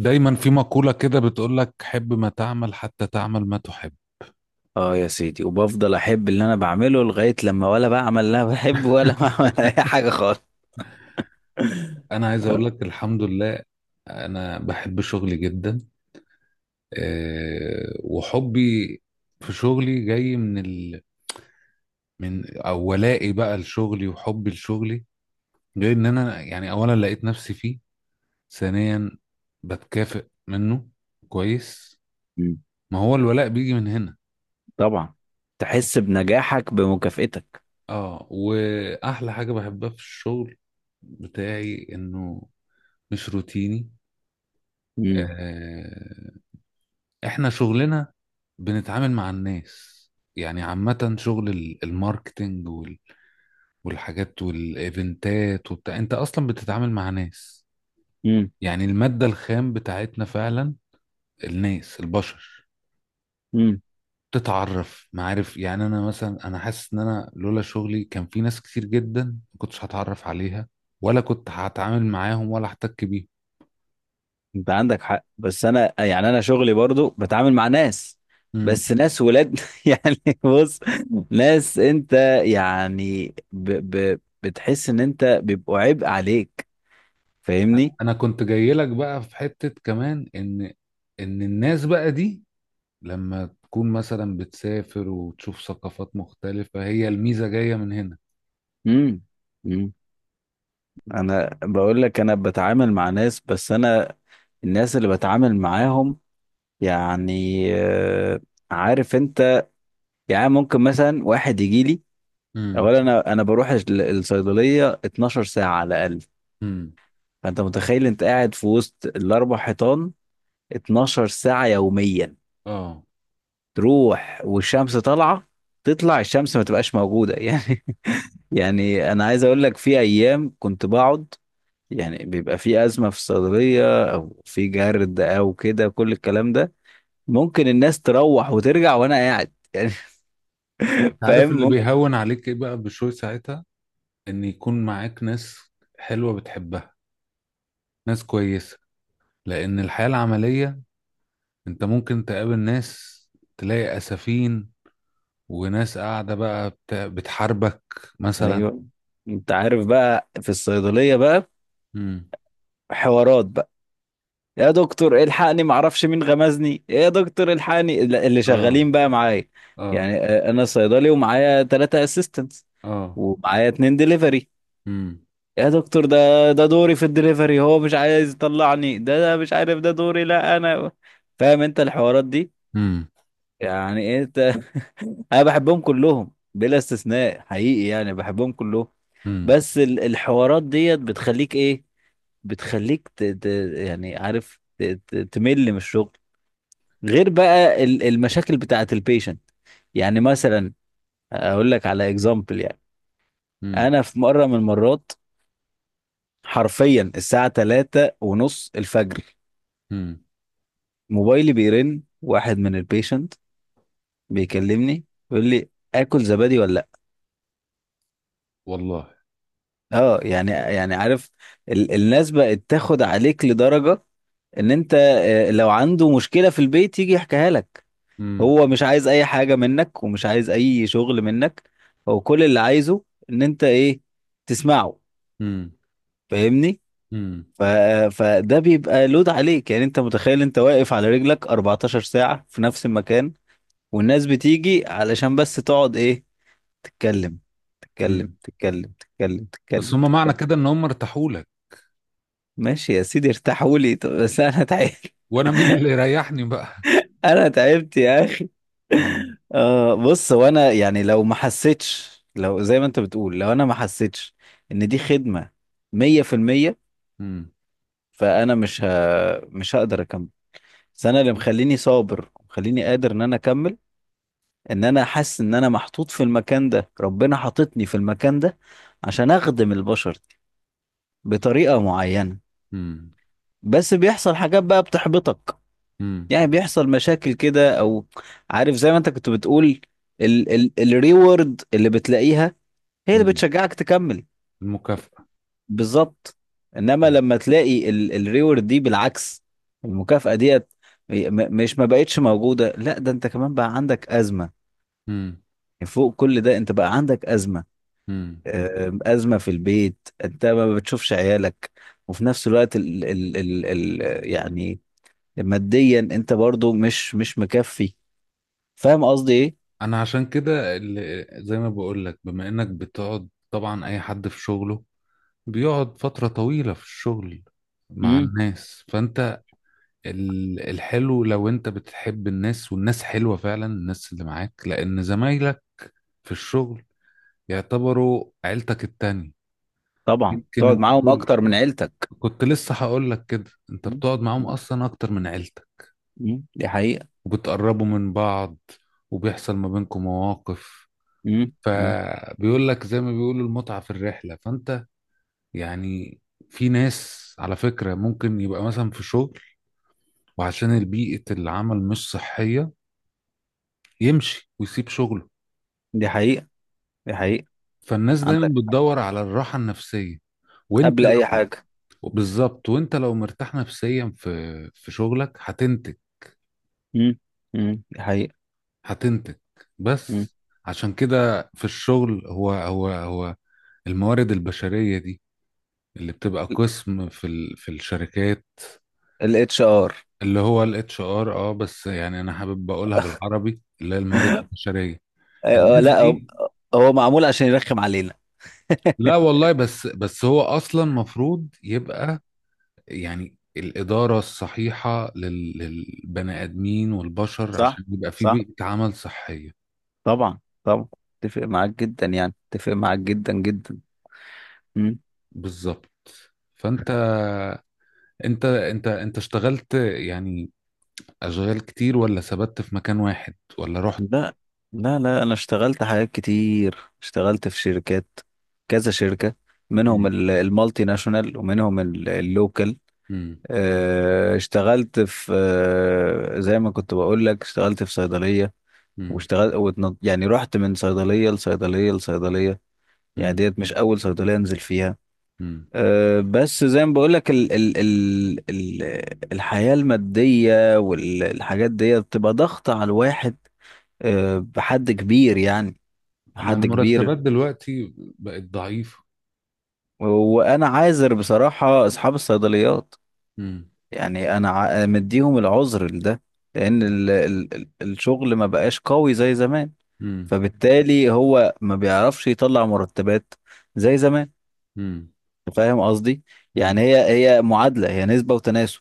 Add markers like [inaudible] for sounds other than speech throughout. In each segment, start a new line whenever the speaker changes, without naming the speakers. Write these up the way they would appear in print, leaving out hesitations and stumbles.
دايما في مقولة كده بتقول لك حب ما تعمل حتى تعمل ما تحب.
اه، يا سيدي. وبفضل احب اللي انا بعمله لغاية لما ولا بعمل اللي انا بحبه ولا [laughs] بعمل اي
[laughs]
حاجة خالص.
انا عايز اقول لك الحمد لله. انا بحب شغلي جدا. وحبي في شغلي جاي من من او ولائي بقى لشغلي وحبي لشغلي. جاي ان انا يعني اولا لقيت نفسي فيه، ثانيا بتكافئ منه كويس.
مم.
ما هو الولاء بيجي من هنا.
طبعا، تحس بنجاحك بمكافئتك.
اه واحلى حاجة بحبها في الشغل بتاعي انه مش روتيني.
مم.
آه، احنا شغلنا بنتعامل مع الناس، يعني عامة شغل الماركتينج والحاجات والايفنتات وبتاع، انت اصلا بتتعامل مع ناس.
مم.
يعني المادة الخام بتاعتنا فعلا الناس، البشر.
مم.
تتعرف معارف، يعني انا مثلا انا حاسس ان انا لولا شغلي كان في ناس كتير جدا ما كنتش هتعرف عليها ولا كنت هتعامل معاهم ولا احتك بيهم.
انت عندك حق، بس انا يعني انا شغلي برضو بتعامل مع ناس.
مم.
بس ناس ولاد [laughs] يعني بص، ناس انت يعني بتحس ان انت بيبقوا عبء عليك. فاهمني؟
انا كنت جاي لك بقى في حتة كمان ان الناس بقى دي لما تكون مثلا بتسافر وتشوف ثقافات مختلفة هي الميزة جاية من هنا.
مم. مم. انا بقول لك انا بتعامل مع ناس، بس انا الناس اللي بتعامل معاهم يعني عارف انت، يعني ممكن مثلا واحد يجي لي.
امم.
اولا انا بروح الصيدليه 12 ساعه على الاقل.
امم.
فانت متخيل، انت قاعد في وسط الاربع حيطان 12 ساعه يوميا.
اه.
تروح والشمس طالعه، تطلع الشمس ما تبقاش موجوده [laughs] يعني. يعني انا عايز اقول لك في ايام كنت بقعد، يعني بيبقى في أزمة في الصيدلية أو في جرد أو كده كل الكلام ده، ممكن الناس تروح وترجع وأنا قاعد [laughs] يعني.
أنت
فاهم؟
عارف اللي
ممكن.
بيهون عليك ايه بقى بشوي ساعتها؟ ان يكون معاك ناس حلوة بتحبها، ناس كويسة. لان الحياة العملية انت ممكن تقابل ناس تلاقي اسفين وناس قاعدة بقى بتحاربك مثلا.
أيوه. أنت عارف بقى، في الصيدلية بقى
امم.
حوارات بقى: يا دكتور الحقني معرفش مين غمزني، يا دكتور الحقني اللي
اه.
شغالين بقى معايا.
اه.
يعني أنا صيدلي ومعايا ثلاثة أسيستنتس،
اه.
ومعايا اتنين ديليفري.
امم.
يا دكتور ده، ده دوري في الدليفري، هو مش عايز يطلعني، ده ده مش عارف ده دوري لا انا. فاهم انت الحوارات دي
امم.
يعني، انت [laughs] انا بحبهم كلهم بلا استثناء حقيقي، يعني بحبهم كلهم. بس الحوارات ديت بتخليك ايه، بتخليك يعني عارف تمل من الشغل. غير بقى المشاكل بتاعت البيشنت. يعني مثلا، اقول لك على اكزامبل يعني.
امم.
انا في مره من المرات حرفيا الساعه 3 ونص الفجر،
امم.
موبايلي بيرن، واحد من البيشنت بيكلمني، بيقول لي: اكل زبادي ولا لا؟
والله.
اه يعني، عارف، الناس بقت تاخد عليك لدرجة ان انت لو عنده مشكلة في البيت يجي يحكيها لك.
امم.
هو مش عايز اي حاجة منك، ومش عايز اي شغل منك. هو كل اللي عايزه ان انت ايه؟ تسمعه.
امم.
فاهمني؟
امم.
ف... فده بيبقى لود عليك. يعني انت متخيل انت واقف على رجلك 14 ساعة في نفس المكان، والناس بتيجي علشان بس تقعد ايه؟ تتكلم تتكلم
امم.
تتكلم تتكلم
بس
تتكلم
هم معنى
تتكلم.
كده ان هم ارتاحوا لك.
ماشي يا سيدي، ارتاحوا لي، طب بس انا تعبت.
وانا مين اللي يريحني بقى؟
[laughs] انا تعبت يا اخي.
اه.
آه، بص هو انا يعني لو ما حسيتش، لو زي ما انت بتقول، لو انا ما حسيتش ان دي خدمة 100%،
امم.
فانا مش هقدر اكمل. بس انا اللي مخليني صابر مخليني قادر ان انا اكمل، ان انا حاسس ان انا محطوط في المكان ده، ربنا حاططني في المكان ده عشان اخدم البشر دي بطريقة معينة.
امم.
بس بيحصل حاجات بقى بتحبطك.
امم.
يعني بيحصل مشاكل كده، او عارف زي ما انت كنت بتقول، ال ال الريورد اللي بتلاقيها هي اللي
امم.
بتشجعك تكمل.
المكافأة.
بالظبط. انما لما تلاقي الريورد دي بالعكس، المكافأة ديت مش ما بقتش موجودة، لا ده انت كمان بقى عندك أزمة.
امم.
يعني فوق كل ده انت بقى عندك أزمة.
امم.
أزمة في البيت، انت ما بتشوفش عيالك. وفي نفس الوقت ال ال ال ال يعني ماديا انت برضو مش مكفي. فاهم قصدي ايه؟
انا عشان كده اللي زي ما بقول لك، بما انك بتقعد طبعا اي حد في شغله بيقعد فترة طويلة في الشغل مع
امم
الناس، فانت الحلو لو انت بتحب الناس والناس حلوة فعلا، الناس اللي معاك، لان زمايلك في الشغل يعتبروا عيلتك التانية.
طبعا،
يمكن
تقعد
انت
معاهم
كل
اكتر من عيلتك.
كنت لسه هقول لك كده، انت
مم.
بتقعد معاهم اصلا اكتر من عيلتك،
مم. دي حقيقة.
وبتقربوا من بعض وبيحصل ما بينكم مواقف.
مم. مم.
فبيقول لك زي ما بيقولوا المتعة في الرحلة. فانت يعني في ناس على فكرة ممكن يبقى مثلا في شغل وعشان البيئة العمل مش صحية يمشي ويسيب شغله.
دي حقيقة، دي حقيقة.
فالناس دايما
عندك،
بتدور على الراحة النفسية. وانت
قبل اي
لو
حاجة.
بالظبط، وانت لو مرتاح نفسيا في شغلك هتنتج،
مم. مم. دي حقيقة.
هتنتج
مم.
بس. عشان كده في الشغل هو الموارد البشرية دي اللي بتبقى قسم في الشركات،
الاتش ار.
اللي هو الـ HR، بس يعني انا حابب اقولها بالعربي اللي هي الموارد
[laughs]
البشرية. الناس
لا، هو
دي
هو معمول عشان يرخم علينا.
لا والله، بس هو اصلا مفروض يبقى يعني الإدارة الصحيحة للبني آدمين والبشر
صح،
عشان يبقى في
صح.
بيئة عمل صحية.
طبعا، طبعا. اتفق معاك جدا، يعني اتفق معاك جدا جدا.
بالظبط. فأنت، انت اشتغلت يعني أشغال كتير ولا ثبت في مكان واحد ولا رحت؟
لا لا لا، انا اشتغلت حاجات كتير، اشتغلت في شركات، كذا شركة. منهم
مم.
المالتي ناشونال، ومنهم اللوكال.
مم.
اه، اشتغلت في زي ما كنت بقول لك، اشتغلت في صيدلية،
مم.
واشتغلت يعني رحت من صيدلية لصيدلية لصيدلية. يعني
مم.
ديت مش اول صيدلية انزل فيها.
مم.
اه، بس زي ما بقول لك ال ال ال ال الحياة المادية والحاجات ديت بتبقى ضغط على الواحد، اه، بحد كبير يعني،
أما
حد كبير.
المرتبات دلوقتي بقت ضعيفة.
وانا عاذر بصراحة اصحاب الصيدليات.
مم.
يعني انا مديهم العذر لده، لان
مم.
ال ال ال الشغل ما بقاش قوي زي زمان.
مم.
فبالتالي هو ما بيعرفش يطلع مرتبات زي زمان.
مم.
فاهم قصدي؟ يعني هي معادلة، هي نسبة وتناسب.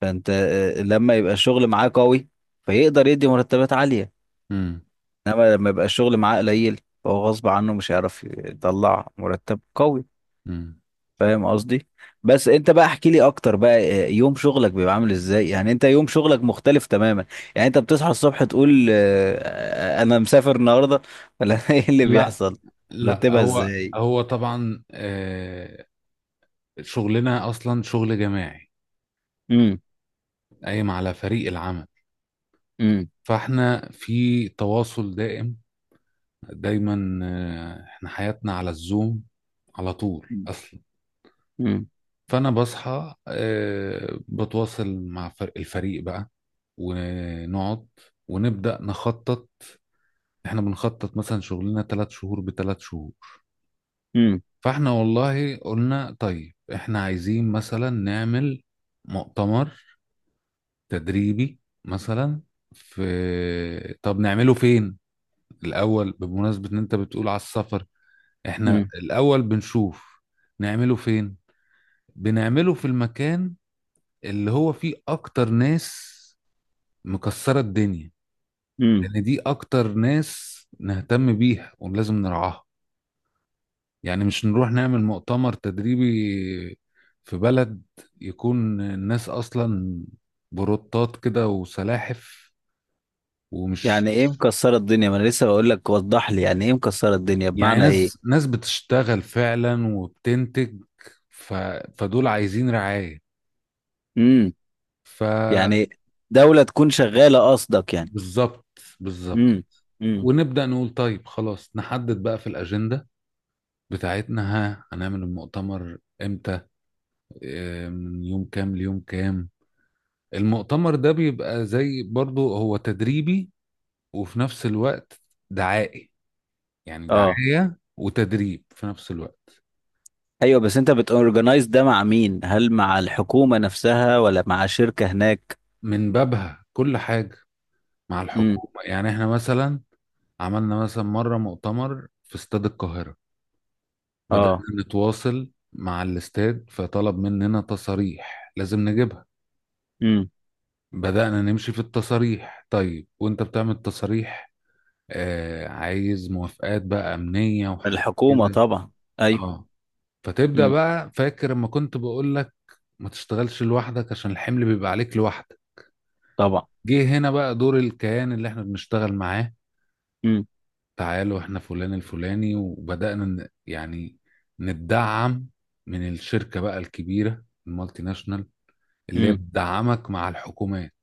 فانت لما يبقى الشغل معاه قوي فيقدر يدي مرتبات عالية.
مم.
انما لما يبقى الشغل معاه قليل فهو غصب عنه مش هيعرف يطلع مرتب قوي.
مم.
فاهم قصدي؟ بس انت بقى احكي لي اكتر بقى. يوم شغلك بيبقى عامل ازاي؟ يعني انت يوم شغلك مختلف تماما. يعني انت بتصحى الصبح تقول انا مسافر النهارده؟ ولا [laughs] ايه اللي
لا،
بيحصل؟
لا،
ترتبها
هو
ازاي؟
هو طبعا، شغلنا أصلا شغل جماعي
امم
قايم على فريق العمل،
امم
فاحنا في تواصل دائم. دايما احنا حياتنا على الزوم، على طول
امم
اصلا.
امم
فانا بصحى، بتواصل مع الفريق بقى، ونقعد ونبدا نخطط. احنا بنخطط مثلا شغلنا 3 شهور بثلاث شهور. فاحنا والله قلنا طيب احنا عايزين مثلا نعمل مؤتمر تدريبي مثلا، في طب نعمله فين؟ الاول بمناسبة ان انت بتقول على السفر، احنا
امم
الاول بنشوف نعمله فين. بنعمله في المكان اللي هو فيه اكتر ناس مكسرة الدنيا،
امم
لأن دي أكتر ناس نهتم بيها ولازم نرعاها. يعني مش نروح نعمل مؤتمر تدريبي في بلد يكون الناس أصلا بروتات كده وسلاحف ومش.
يعني ايه مكسره الدنيا؟ ما انا لسه بقول لك وضح لي يعني ايه مكسره الدنيا
يعني
بمعنى ايه.
ناس ناس بتشتغل فعلا وبتنتج، ف... فدول عايزين رعاية.
امم
فبالظبط.
يعني دولة تكون شغالة قصدك؟ يعني
بالظبط.
امم امم
ونبدأ نقول طيب خلاص نحدد بقى في الأجندة بتاعتنا ها هنعمل المؤتمر امتى، من يوم كام ليوم كام. المؤتمر ده بيبقى زي برضو هو تدريبي وفي نفس الوقت دعائي، يعني
اه،
دعاية وتدريب في نفس الوقت.
ايوه. بس انت بتورجنايز ده مع مين؟ هل مع الحكومة نفسها ولا مع شركة هناك؟
من بابها كل حاجة. مع
امم
الحكومة، يعني احنا مثلا عملنا مثلا مرة مؤتمر في استاد القاهرة. بدأنا
اه
نتواصل مع الاستاد فطلب مننا تصاريح لازم نجيبها.
امم
بدأنا نمشي في التصاريح، طيب وانت بتعمل تصاريح عايز موافقات بقى أمنية وحاجات
الحكومة
كده.
طبعا، ايوه.
اه. فتبدأ
امم
بقى، فاكر لما كنت بقول لك ما تشتغلش لوحدك عشان الحمل بيبقى عليك لوحدك؟
طبعا.
جه هنا بقى دور الكيان اللي احنا بنشتغل معاه.
امم
تعالوا احنا فلان الفلاني، وبدأنا يعني نتدعم من الشركة بقى الكبيرة المالتي ناشونال اللي هي
امم
بتدعمك مع الحكومات.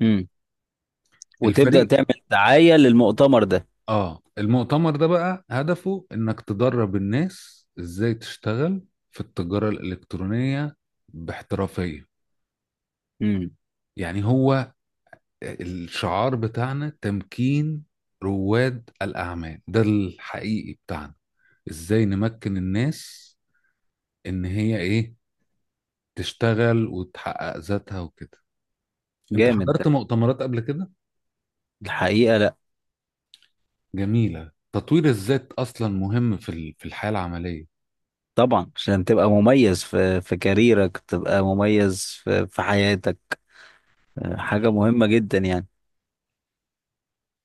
امم وتبدأ
الفريق.
تعمل دعاية للمؤتمر ده.
اه، المؤتمر ده بقى هدفه انك تدرب الناس ازاي تشتغل في التجارة الإلكترونية باحترافية.
امم
يعني هو الشعار بتاعنا تمكين رواد الأعمال، ده الحقيقي بتاعنا، ازاي نمكن الناس ان هي ايه، تشتغل وتحقق ذاتها وكده. انت
جامد ده.
حضرت مؤتمرات قبل كده؟
الحقيقة لا.
جميلة تطوير الذات، اصلا مهم في الحياة العملية.
طبعا، عشان تبقى مميز في كاريرك، تبقى مميز في حياتك. آه، حاجة مهمة جدا يعني.